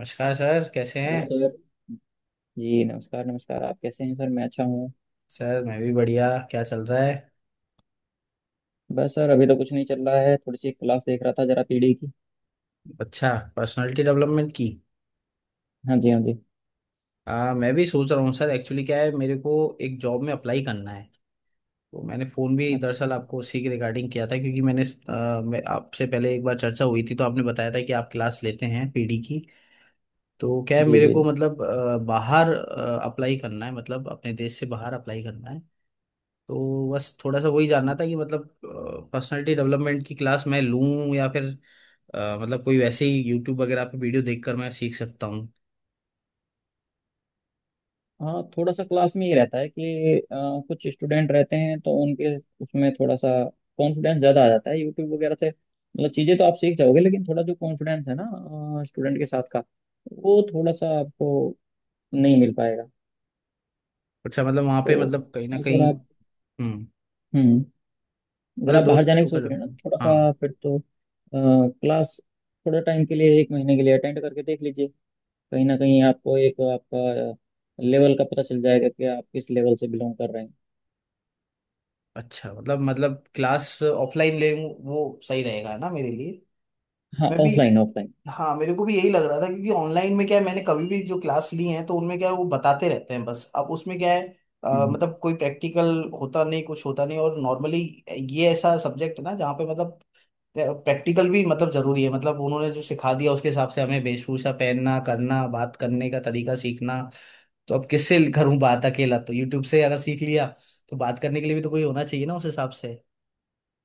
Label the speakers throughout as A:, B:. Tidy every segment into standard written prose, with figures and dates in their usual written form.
A: नमस्कार सर, कैसे
B: हेलो
A: हैं?
B: सर। जी नमस्कार नमस्कार, आप कैसे हैं सर? मैं अच्छा हूँ।
A: सर मैं भी बढ़िया, क्या चल रहा है?
B: बस सर, अभी तो कुछ नहीं चल रहा है, थोड़ी सी क्लास देख रहा था, जरा पीडी की।
A: अच्छा, पर्सनालिटी डेवलपमेंट की।
B: हाँ जी हाँ जी।
A: मैं भी सोच रहा हूँ सर, एक्चुअली क्या है मेरे को, एक जॉब में अप्लाई करना है। तो मैंने फ़ोन भी
B: अच्छा
A: दरअसल
B: अच्छा।
A: आपको उसी के रिगार्डिंग किया था क्योंकि मैंने मैं आपसे पहले एक बार चर्चा हुई थी तो आपने बताया था कि आप क्लास लेते हैं पीडी की। तो क्या है
B: जी
A: मेरे
B: जी
A: को
B: जी।
A: मतलब, बाहर अप्लाई करना है, मतलब अपने देश से बाहर अप्लाई करना है। तो बस थोड़ा सा वही जानना था कि मतलब पर्सनालिटी डेवलपमेंट की क्लास मैं लूं या फिर मतलब कोई वैसे ही यूट्यूब वगैरह पे वीडियो देखकर मैं सीख सकता हूँ।
B: हाँ, थोड़ा सा क्लास में ये रहता है कि कुछ स्टूडेंट रहते हैं तो उनके उसमें थोड़ा सा कॉन्फिडेंस ज़्यादा आ जाता है। यूट्यूब वगैरह से मतलब चीज़ें तो आप सीख जाओगे, लेकिन थोड़ा जो कॉन्फिडेंस है ना स्टूडेंट के साथ का, वो थोड़ा सा आपको नहीं मिल पाएगा।
A: अच्छा, मतलब वहाँ पे
B: तो
A: मतलब कहीं ना
B: अगर
A: कहीं,
B: आप
A: हम्म,
B: हम्म अगर
A: मतलब
B: आप बाहर जाने की
A: दोस्तों का
B: सोच रहे हैं
A: जरूरत
B: ना, तो
A: है।
B: थोड़ा
A: हाँ।
B: सा फिर तो क्लास थोड़े टाइम के लिए, एक महीने के लिए अटेंड करके देख लीजिए, कहीं ना कहीं आपको एक आपका लेवल का पता चल जाएगा कि आप किस लेवल से बिलोंग कर रहे हैं।
A: अच्छा, मतलब मतलब क्लास ऑफलाइन ले लूँ, वो सही रहेगा है ना मेरे लिए।
B: हाँ,
A: मैं भी,
B: ऑफलाइन ऑफलाइन।
A: हाँ, मेरे को भी यही लग रहा था क्योंकि ऑनलाइन में क्या है मैंने कभी भी जो क्लास ली है तो उनमें क्या है वो बताते रहते हैं बस, अब उसमें क्या है
B: हम्म।
A: मतलब कोई प्रैक्टिकल होता नहीं, कुछ होता नहीं, और नॉर्मली ये ऐसा सब्जेक्ट है ना जहाँ पे मतलब प्रैक्टिकल भी मतलब जरूरी है, मतलब उन्होंने जो सिखा दिया उसके हिसाब से हमें वेशभूषा पहनना, करना, बात करने का तरीका सीखना। तो अब किससे करूं बात अकेला, तो यूट्यूब से अगर सीख लिया तो बात करने के लिए भी तो कोई होना चाहिए ना उस हिसाब से।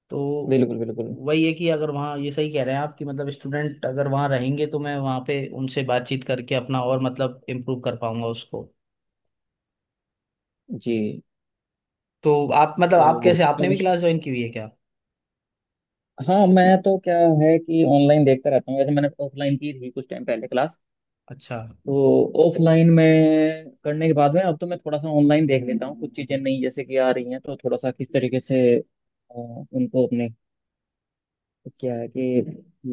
A: तो
B: बिल्कुल बिल्कुल।
A: वही है कि अगर वहाँ ये सही कह रहे हैं आप कि मतलब स्टूडेंट अगर वहाँ रहेंगे तो मैं वहाँ पे उनसे बातचीत करके अपना और मतलब इम्प्रूव कर पाऊंगा उसको।
B: जी।
A: तो आप मतलब आप
B: तो
A: कैसे, आपने
B: कब
A: भी क्लास ज्वाइन की हुई है क्या?
B: हाँ, मैं तो, क्या है कि ऑनलाइन देखता रहता हूँ। वैसे मैंने ऑफलाइन की थी कुछ टाइम पहले क्लास।
A: अच्छा।
B: तो ऑफलाइन में करने के बाद में अब तो मैं थोड़ा सा ऑनलाइन देख लेता हूँ, कुछ चीज़ें नई जैसे कि आ रही हैं, तो थोड़ा सा किस तरीके से उनको अपने, क्या है कि,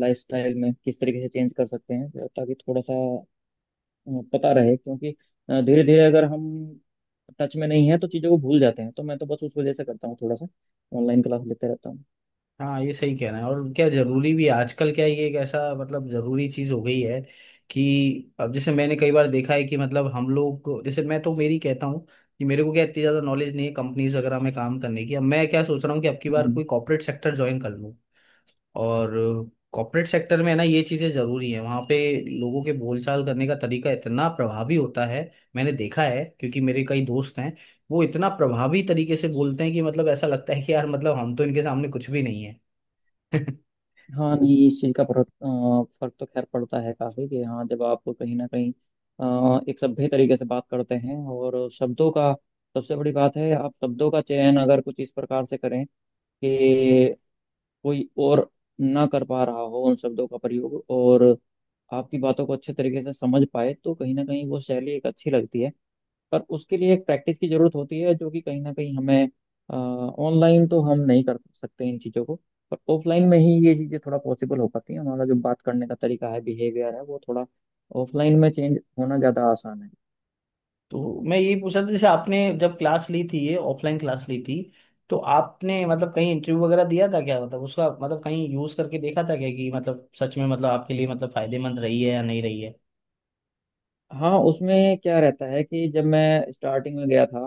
B: लाइफस्टाइल में किस तरीके से चेंज कर सकते हैं, तो ताकि थोड़ा सा पता रहे। क्योंकि धीरे धीरे अगर हम टच में नहीं है तो चीज़ों को भूल जाते हैं, तो मैं तो बस उस वजह से करता हूँ, थोड़ा सा ऑनलाइन क्लास लेते रहता
A: हाँ, ये सही कहना है और क्या जरूरी भी है। आजकल क्या ये एक ऐसा मतलब जरूरी चीज हो गई है कि अब जैसे मैंने कई बार देखा है कि मतलब हम लोग को- जैसे मैं तो मेरी कहता हूँ कि मेरे को क्या इतनी ज्यादा नॉलेज नहीं है कंपनीज वगैरह में काम करने की। अब मैं क्या सोच रहा हूँ कि अब की बार
B: हूँ।
A: कोई कॉर्पोरेट सेक्टर ज्वाइन कर लूँ। और कॉर्पोरेट सेक्टर में है ना ये चीजें जरूरी है वहां पे, लोगों के बोलचाल करने का तरीका इतना प्रभावी होता है, मैंने देखा है क्योंकि मेरे कई दोस्त हैं, वो इतना प्रभावी तरीके से बोलते हैं कि मतलब ऐसा लगता है कि यार मतलब हम तो इनके सामने कुछ भी नहीं है।
B: हाँ नहीं, इस चीज़ का फर्क तो खैर पड़ता है काफ़ी, कि हाँ, जब आप कहीं ना कहीं एक सभ्य तरीके से बात करते हैं, और शब्दों का, सबसे बड़ी बात है, आप शब्दों का चयन अगर कुछ इस प्रकार से करें कि कोई और ना कर पा रहा हो उन शब्दों का प्रयोग, और आपकी बातों को अच्छे तरीके से समझ पाए, तो कहीं ना कहीं वो शैली एक अच्छी लगती है। पर उसके लिए एक प्रैक्टिस की जरूरत होती है, जो कि कहीं ना कहीं हमें ऑनलाइन तो हम नहीं कर सकते इन चीज़ों को, पर ऑफलाइन में ही ये चीज़ें थोड़ा पॉसिबल हो पाती हैं। हमारा जो बात करने का तरीका है, बिहेवियर है, वो थोड़ा ऑफलाइन में चेंज होना ज़्यादा आसान है।
A: तो मैं यही पूछ रहा था, जैसे आपने जब क्लास ली थी, ये ऑफलाइन क्लास ली थी, तो आपने मतलब कहीं इंटरव्यू वगैरह दिया था क्या, मतलब उसका मतलब कहीं यूज करके देखा था क्या कि मतलब सच में मतलब आपके लिए मतलब फायदेमंद रही है या नहीं रही है।
B: हाँ, उसमें क्या रहता है कि जब मैं स्टार्टिंग में गया था,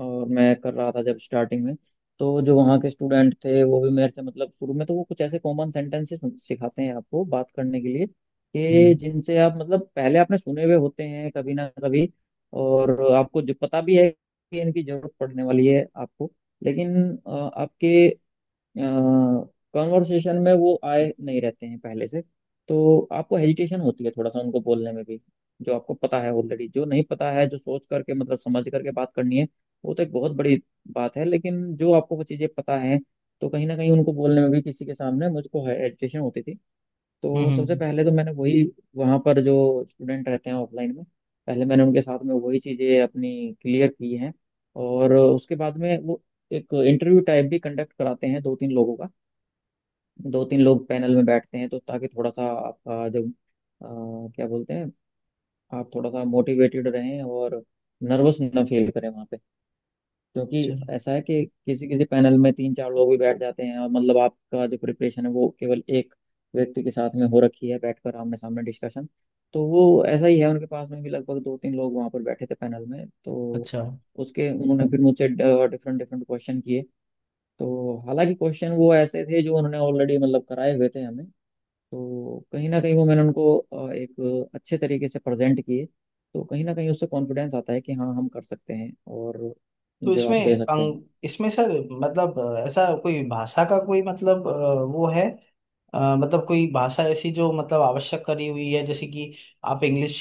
B: और मैं कर रहा था जब स्टार्टिंग में, तो जो वहाँ के स्टूडेंट थे वो भी मेरे से मतलब, शुरू में तो वो कुछ ऐसे कॉमन सेंटेंसेस सिखाते हैं आपको बात करने के लिए, कि
A: हम्म
B: जिनसे आप मतलब पहले आपने सुने हुए होते हैं कभी ना कभी। और आपको जो पता भी है कि इनकी जरूरत पड़ने वाली है आपको, लेकिन आपके कॉन्वर्सेशन में वो आए नहीं रहते हैं पहले से, तो आपको हेजिटेशन होती है थोड़ा सा उनको बोलने में भी। जो आपको पता है ऑलरेडी, जो नहीं पता है जो सोच करके मतलब समझ करके बात करनी है, वो तो एक बहुत बड़ी बात है। लेकिन जो आपको वो चीज़ें पता है, तो कहीं ना कहीं उनको बोलने में भी किसी के सामने मुझको हेजिटेशन होती थी।
A: हम्म
B: तो सबसे
A: हम्म,
B: पहले तो मैंने वही, वहाँ पर जो स्टूडेंट रहते हैं ऑफलाइन में, पहले मैंने उनके साथ में वही चीज़ें अपनी क्लियर की हैं, और उसके बाद में वो एक इंटरव्यू टाइप भी कंडक्ट कराते हैं दो तीन लोगों का। दो तीन लोग पैनल में बैठते हैं, तो ताकि थोड़ा सा आपका जो, क्या बोलते हैं, आप थोड़ा सा मोटिवेटेड रहें और नर्वस ना फील करें वहाँ पे। क्योंकि
A: अच्छा,
B: ऐसा है कि किसी किसी पैनल में तीन चार लोग भी बैठ जाते हैं, और मतलब आपका जो प्रिपरेशन है वो केवल एक व्यक्ति के साथ में हो रखी है, बैठकर आमने सामने डिस्कशन। तो वो ऐसा ही है, उनके पास में भी लगभग दो तीन लोग वहाँ पर बैठे थे पैनल में, तो
A: अच्छा।
B: उसके उन्होंने फिर मुझसे डिफरेंट डिफरेंट क्वेश्चन किए। तो हालांकि क्वेश्चन वो ऐसे थे जो उन्होंने ऑलरेडी मतलब कराए हुए थे हमें, तो कहीं ना कहीं वो मैंने उनको एक अच्छे तरीके से प्रेजेंट किए, तो कहीं ना कहीं उससे कॉन्फिडेंस आता है कि हाँ हम कर सकते हैं और
A: तो इसमें,
B: जवाब दे सकते हैं।
A: अंग इसमें सर मतलब ऐसा कोई भाषा का कोई मतलब वो है मतलब कोई भाषा ऐसी जो मतलब आवश्यक करी हुई है जैसे कि आप इंग्लिश,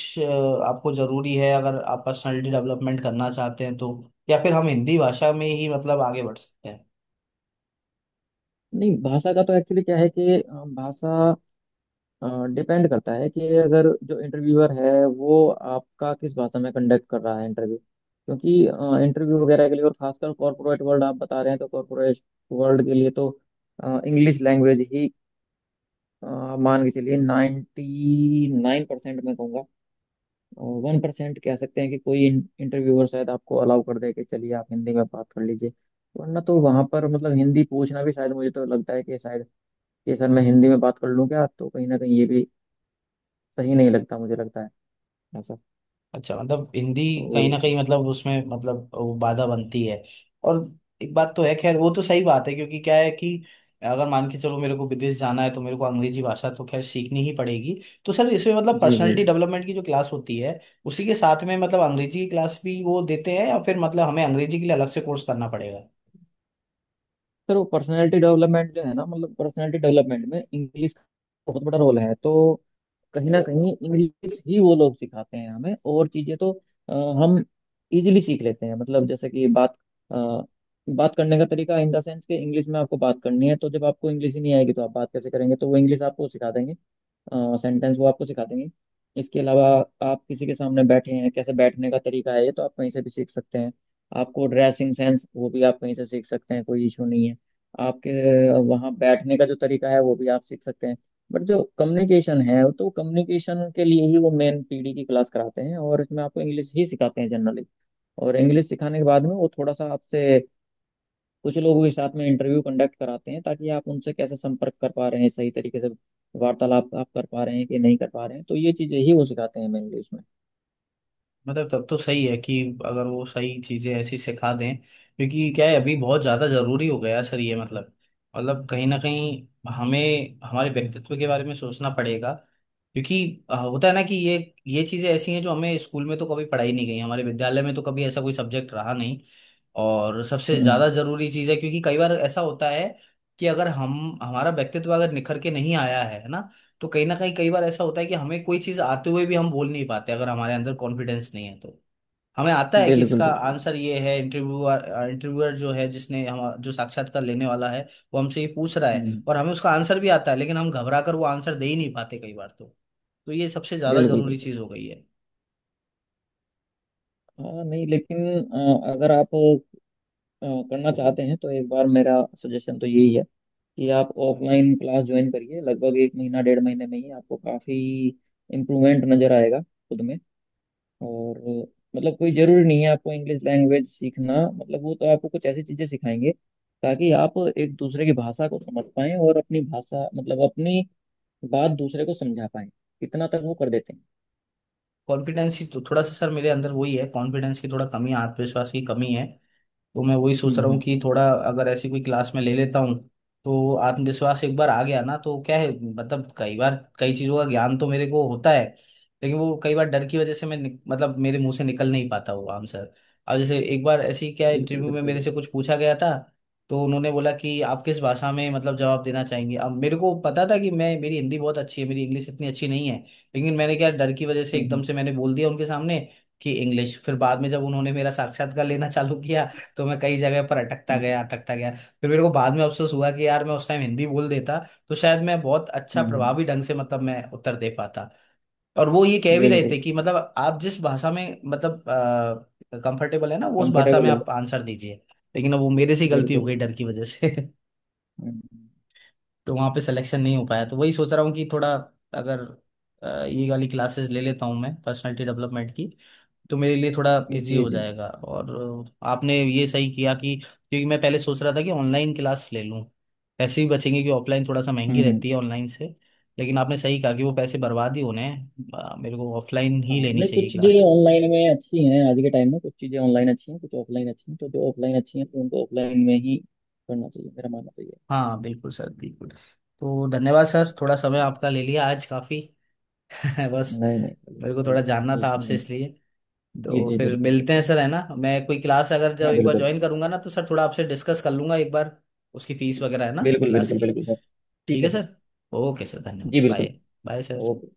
A: आपको जरूरी है अगर आप पर्सनालिटी डेवलपमेंट करना चाहते हैं तो, या फिर हम हिंदी भाषा में ही मतलब आगे बढ़ सकते हैं।
B: नहीं, भाषा का तो एक्चुअली क्या है कि, भाषा डिपेंड करता है कि अगर जो इंटरव्यूअर है, वो आपका किस भाषा में कंडक्ट कर रहा है इंटरव्यू, क्योंकि इंटरव्यू वगैरह के लिए, और खासकर कॉरपोरेट वर्ल्ड आप बता रहे हैं, तो कॉरपोरेट वर्ल्ड के लिए तो इंग्लिश लैंग्वेज ही, अ, मान के चलिए 99% मैं कहूँगा। 1% कह सकते हैं कि कोई इंटरव्यूअर शायद आपको अलाउ कर दे कि चलिए आप हिंदी में बात कर लीजिए, वरना तो वहां पर मतलब हिंदी पूछना भी, शायद मुझे तो लगता है कि शायद, कि सर मैं हिंदी में बात कर लूँ क्या, तो कहीं ना कहीं ये भी सही नहीं लगता, मुझे लगता है ऐसा।
A: अच्छा, मतलब हिंदी
B: तो
A: कहीं ना कहीं मतलब उसमें मतलब वो बाधा बनती है। और एक बात तो है खैर, वो तो सही बात है क्योंकि क्या है कि अगर मान के चलो मेरे को विदेश जाना है तो मेरे को अंग्रेजी भाषा तो खैर सीखनी ही पड़ेगी। तो सर इसमें मतलब
B: जी जी
A: पर्सनालिटी डेवलपमेंट की जो क्लास होती है उसी के साथ में मतलब अंग्रेजी की क्लास भी वो देते हैं, या फिर मतलब हमें अंग्रेजी के लिए अलग से कोर्स करना पड़ेगा।
B: सर, वो पर्सनैलिटी डेवलपमेंट जो है ना, मतलब पर्सनैलिटी डेवलपमेंट में इंग्लिश का बहुत बड़ा रोल है, तो कहीं ना कहीं इंग्लिश ही वो लोग सिखाते हैं हमें, और चीजें तो अ, हम इजीली सीख लेते हैं, मतलब जैसे कि अ, बात करने का तरीका, इन द सेंस कि इंग्लिश में आपको बात करनी है, तो जब आपको इंग्लिश ही नहीं आएगी तो आप बात कैसे करेंगे, तो वो इंग्लिश आपको सिखा देंगे, सेंटेंस वो आपको सिखा देंगे। इसके अलावा आप किसी के सामने बैठे हैं, कैसे बैठने का तरीका है, ये तो आप कहीं से भी सीख सकते हैं। आपको ड्रेसिंग सेंस वो भी आप कहीं से सीख सकते हैं, कोई इशू नहीं है। आपके वहाँ बैठने का जो तरीका है वो भी आप सीख सकते हैं। बट जो कम्युनिकेशन है, तो कम्युनिकेशन के लिए ही वो मेन पीडी की क्लास कराते हैं, और इसमें आपको इंग्लिश ही सिखाते हैं जनरली। और इंग्लिश सिखाने के बाद में वो थोड़ा सा आपसे कुछ लोगों के साथ में इंटरव्यू कंडक्ट कराते हैं, ताकि आप उनसे कैसे संपर्क कर पा रहे हैं सही तरीके से, वार्तालाप आप कर पा रहे हैं कि नहीं कर पा रहे हैं, तो ये चीजें ही वो सिखाते हैं मेनली उसमें।
A: मतलब तब तो सही है कि अगर वो सही चीजें ऐसी सिखा दें, क्योंकि क्या है, अभी बहुत ज्यादा जरूरी हो गया है सर ये मतलब, मतलब कहीं ना कहीं हमें हमारे व्यक्तित्व के बारे में सोचना पड़ेगा, क्योंकि होता है ना कि ये चीजें ऐसी हैं जो हमें स्कूल में तो कभी पढ़ाई नहीं गई, हमारे विद्यालय में तो कभी ऐसा कोई सब्जेक्ट रहा नहीं। और सबसे
B: हम्म।
A: ज्यादा जरूरी चीज है, क्योंकि कई बार ऐसा होता है कि अगर हम हमारा व्यक्तित्व अगर निखर के नहीं आया है ना तो कहीं ना कहीं कई बार ऐसा होता है कि हमें कोई चीज आते हुए भी हम बोल नहीं पाते, अगर हमारे अंदर कॉन्फिडेंस नहीं है तो। हमें आता है कि
B: बिल्कुल
A: इसका
B: बिल्कुल।
A: आंसर ये है, इंटरव्यूअर इंटरव्यूअर जो है, जिसने हम जो साक्षात्कार लेने वाला है वो हमसे ये पूछ रहा है
B: हम्म।
A: और हमें उसका आंसर भी आता है, लेकिन हम घबरा कर वो आंसर दे ही नहीं पाते कई बार तो। तो ये सबसे ज्यादा
B: बिल्कुल
A: जरूरी
B: बिल्कुल।
A: चीज हो गई है।
B: हाँ नहीं, लेकिन अगर आप करना चाहते हैं, तो एक बार मेरा सजेशन तो यही है कि आप ऑफलाइन क्लास ज्वाइन करिए, लगभग एक महीना डेढ़ महीने में ही आपको काफी इम्प्रूवमेंट नजर आएगा खुद में। और मतलब कोई जरूरी नहीं है आपको इंग्लिश लैंग्वेज सीखना, मतलब वो तो आपको कुछ ऐसी चीजें सिखाएंगे ताकि आप एक दूसरे की भाषा को समझ पाएं, और अपनी भाषा मतलब अपनी बात दूसरे को समझा पाएं, इतना तक वो कर देते हैं।
A: कॉन्फिडेंस ही तो थोड़ा सा सर मेरे अंदर वही है, कॉन्फिडेंस की थोड़ा कमी है, आत्मविश्वास की कमी है। तो मैं वही सोच
B: हम्म
A: रहा
B: हम्म
A: हूँ कि
B: हम्म,
A: थोड़ा अगर ऐसी कोई क्लास में ले लेता हूँ तो आत्मविश्वास एक बार आ गया ना तो क्या है, मतलब कई बार कई चीज़ों का ज्ञान तो मेरे को होता है लेकिन वो कई बार डर की वजह से मैं निक- मतलब मेरे मुंह से निकल नहीं पाता वो आंसर। अब जैसे एक बार ऐसी क्या
B: बिल्कुल
A: इंटरव्यू में
B: बिल्कुल
A: मेरे
B: बिल्कुल।
A: से कुछ पूछा गया था तो उन्होंने बोला कि आप किस भाषा में मतलब जवाब देना चाहेंगे। अब मेरे को पता था कि मैं मेरी हिंदी बहुत अच्छी है, मेरी इंग्लिश इतनी अच्छी नहीं है, लेकिन मैंने क्या डर की वजह से एकदम
B: हम्म
A: से मैंने बोल दिया उनके सामने कि इंग्लिश। फिर बाद में जब उन्होंने मेरा साक्षात्कार लेना चालू किया तो मैं कई जगह पर अटकता
B: हम्म
A: गया अटकता गया, फिर मेरे को बाद में अफसोस हुआ कि यार मैं उस टाइम हिंदी बोल देता तो शायद मैं बहुत अच्छा
B: हम्म हम्म,
A: प्रभावी ढंग से मतलब मैं उत्तर दे पाता। और वो ये कह भी रहे
B: बिल्कुल।
A: थे कि मतलब आप जिस भाषा में मतलब कंफर्टेबल है ना वो उस भाषा में
B: कंफर्टेबल हो।
A: आप आंसर दीजिए, लेकिन अब वो मेरे से ही गलती
B: बिल्कुल
A: हो गई डर
B: बिल्कुल।
A: की वजह से।
B: हम्म,
A: तो वहाँ पे सिलेक्शन नहीं हो पाया। तो वही सोच रहा हूँ कि थोड़ा अगर ये वाली क्लासेस ले लेता हूँ मैं, पर्सनालिटी डेवलपमेंट की, तो मेरे लिए थोड़ा
B: जी
A: इजी
B: जी
A: हो
B: जी।
A: जाएगा। और आपने ये सही किया कि, क्योंकि मैं पहले सोच रहा था कि ऑनलाइन क्लास ले लूँ, पैसे भी बचेंगे कि ऑफलाइन थोड़ा सा महंगी
B: हम्म।
A: रहती है ऑनलाइन से, लेकिन आपने सही कहा कि वो पैसे बर्बाद ही होने हैं, मेरे को ऑफलाइन
B: हाँ
A: ही लेनी
B: नहीं,
A: चाहिए
B: कुछ चीज़ें
A: क्लास।
B: ऑनलाइन में अच्छी हैं आज के टाइम में, कुछ चीज़ें ऑनलाइन अच्छी हैं, कुछ ऑफलाइन अच्छी हैं, तो जो ऑफलाइन अच्छी हैं तो उनको ऑफलाइन में ही करना चाहिए, मेरा मानना तो ये है।
A: हाँ बिल्कुल सर, बिल्कुल। तो धन्यवाद सर, थोड़ा समय आपका ले लिया आज काफ़ी। बस
B: नहीं नहीं,
A: मेरे को थोड़ा जानना
B: कोई
A: था
B: इशू
A: आपसे
B: नहीं।
A: इसलिए।
B: जी
A: तो
B: जी
A: फिर
B: बिल्कुल
A: मिलते हैं
B: बिल्कुल।
A: सर, है ना, मैं कोई क्लास अगर जब
B: हाँ
A: एक बार
B: बिल्कुल सर।
A: ज्वाइन करूंगा ना तो सर थोड़ा आपसे डिस्कस कर लूंगा एक बार, उसकी फीस वगैरह है ना
B: बिल्कुल
A: क्लास
B: बिल्कुल
A: की।
B: बिल्कुल सर। ठीक
A: ठीक
B: है
A: है
B: सर।
A: सर। ओके सर, धन्यवाद,
B: जी
A: बाय।
B: बिल्कुल।
A: Bye sir.
B: ओके।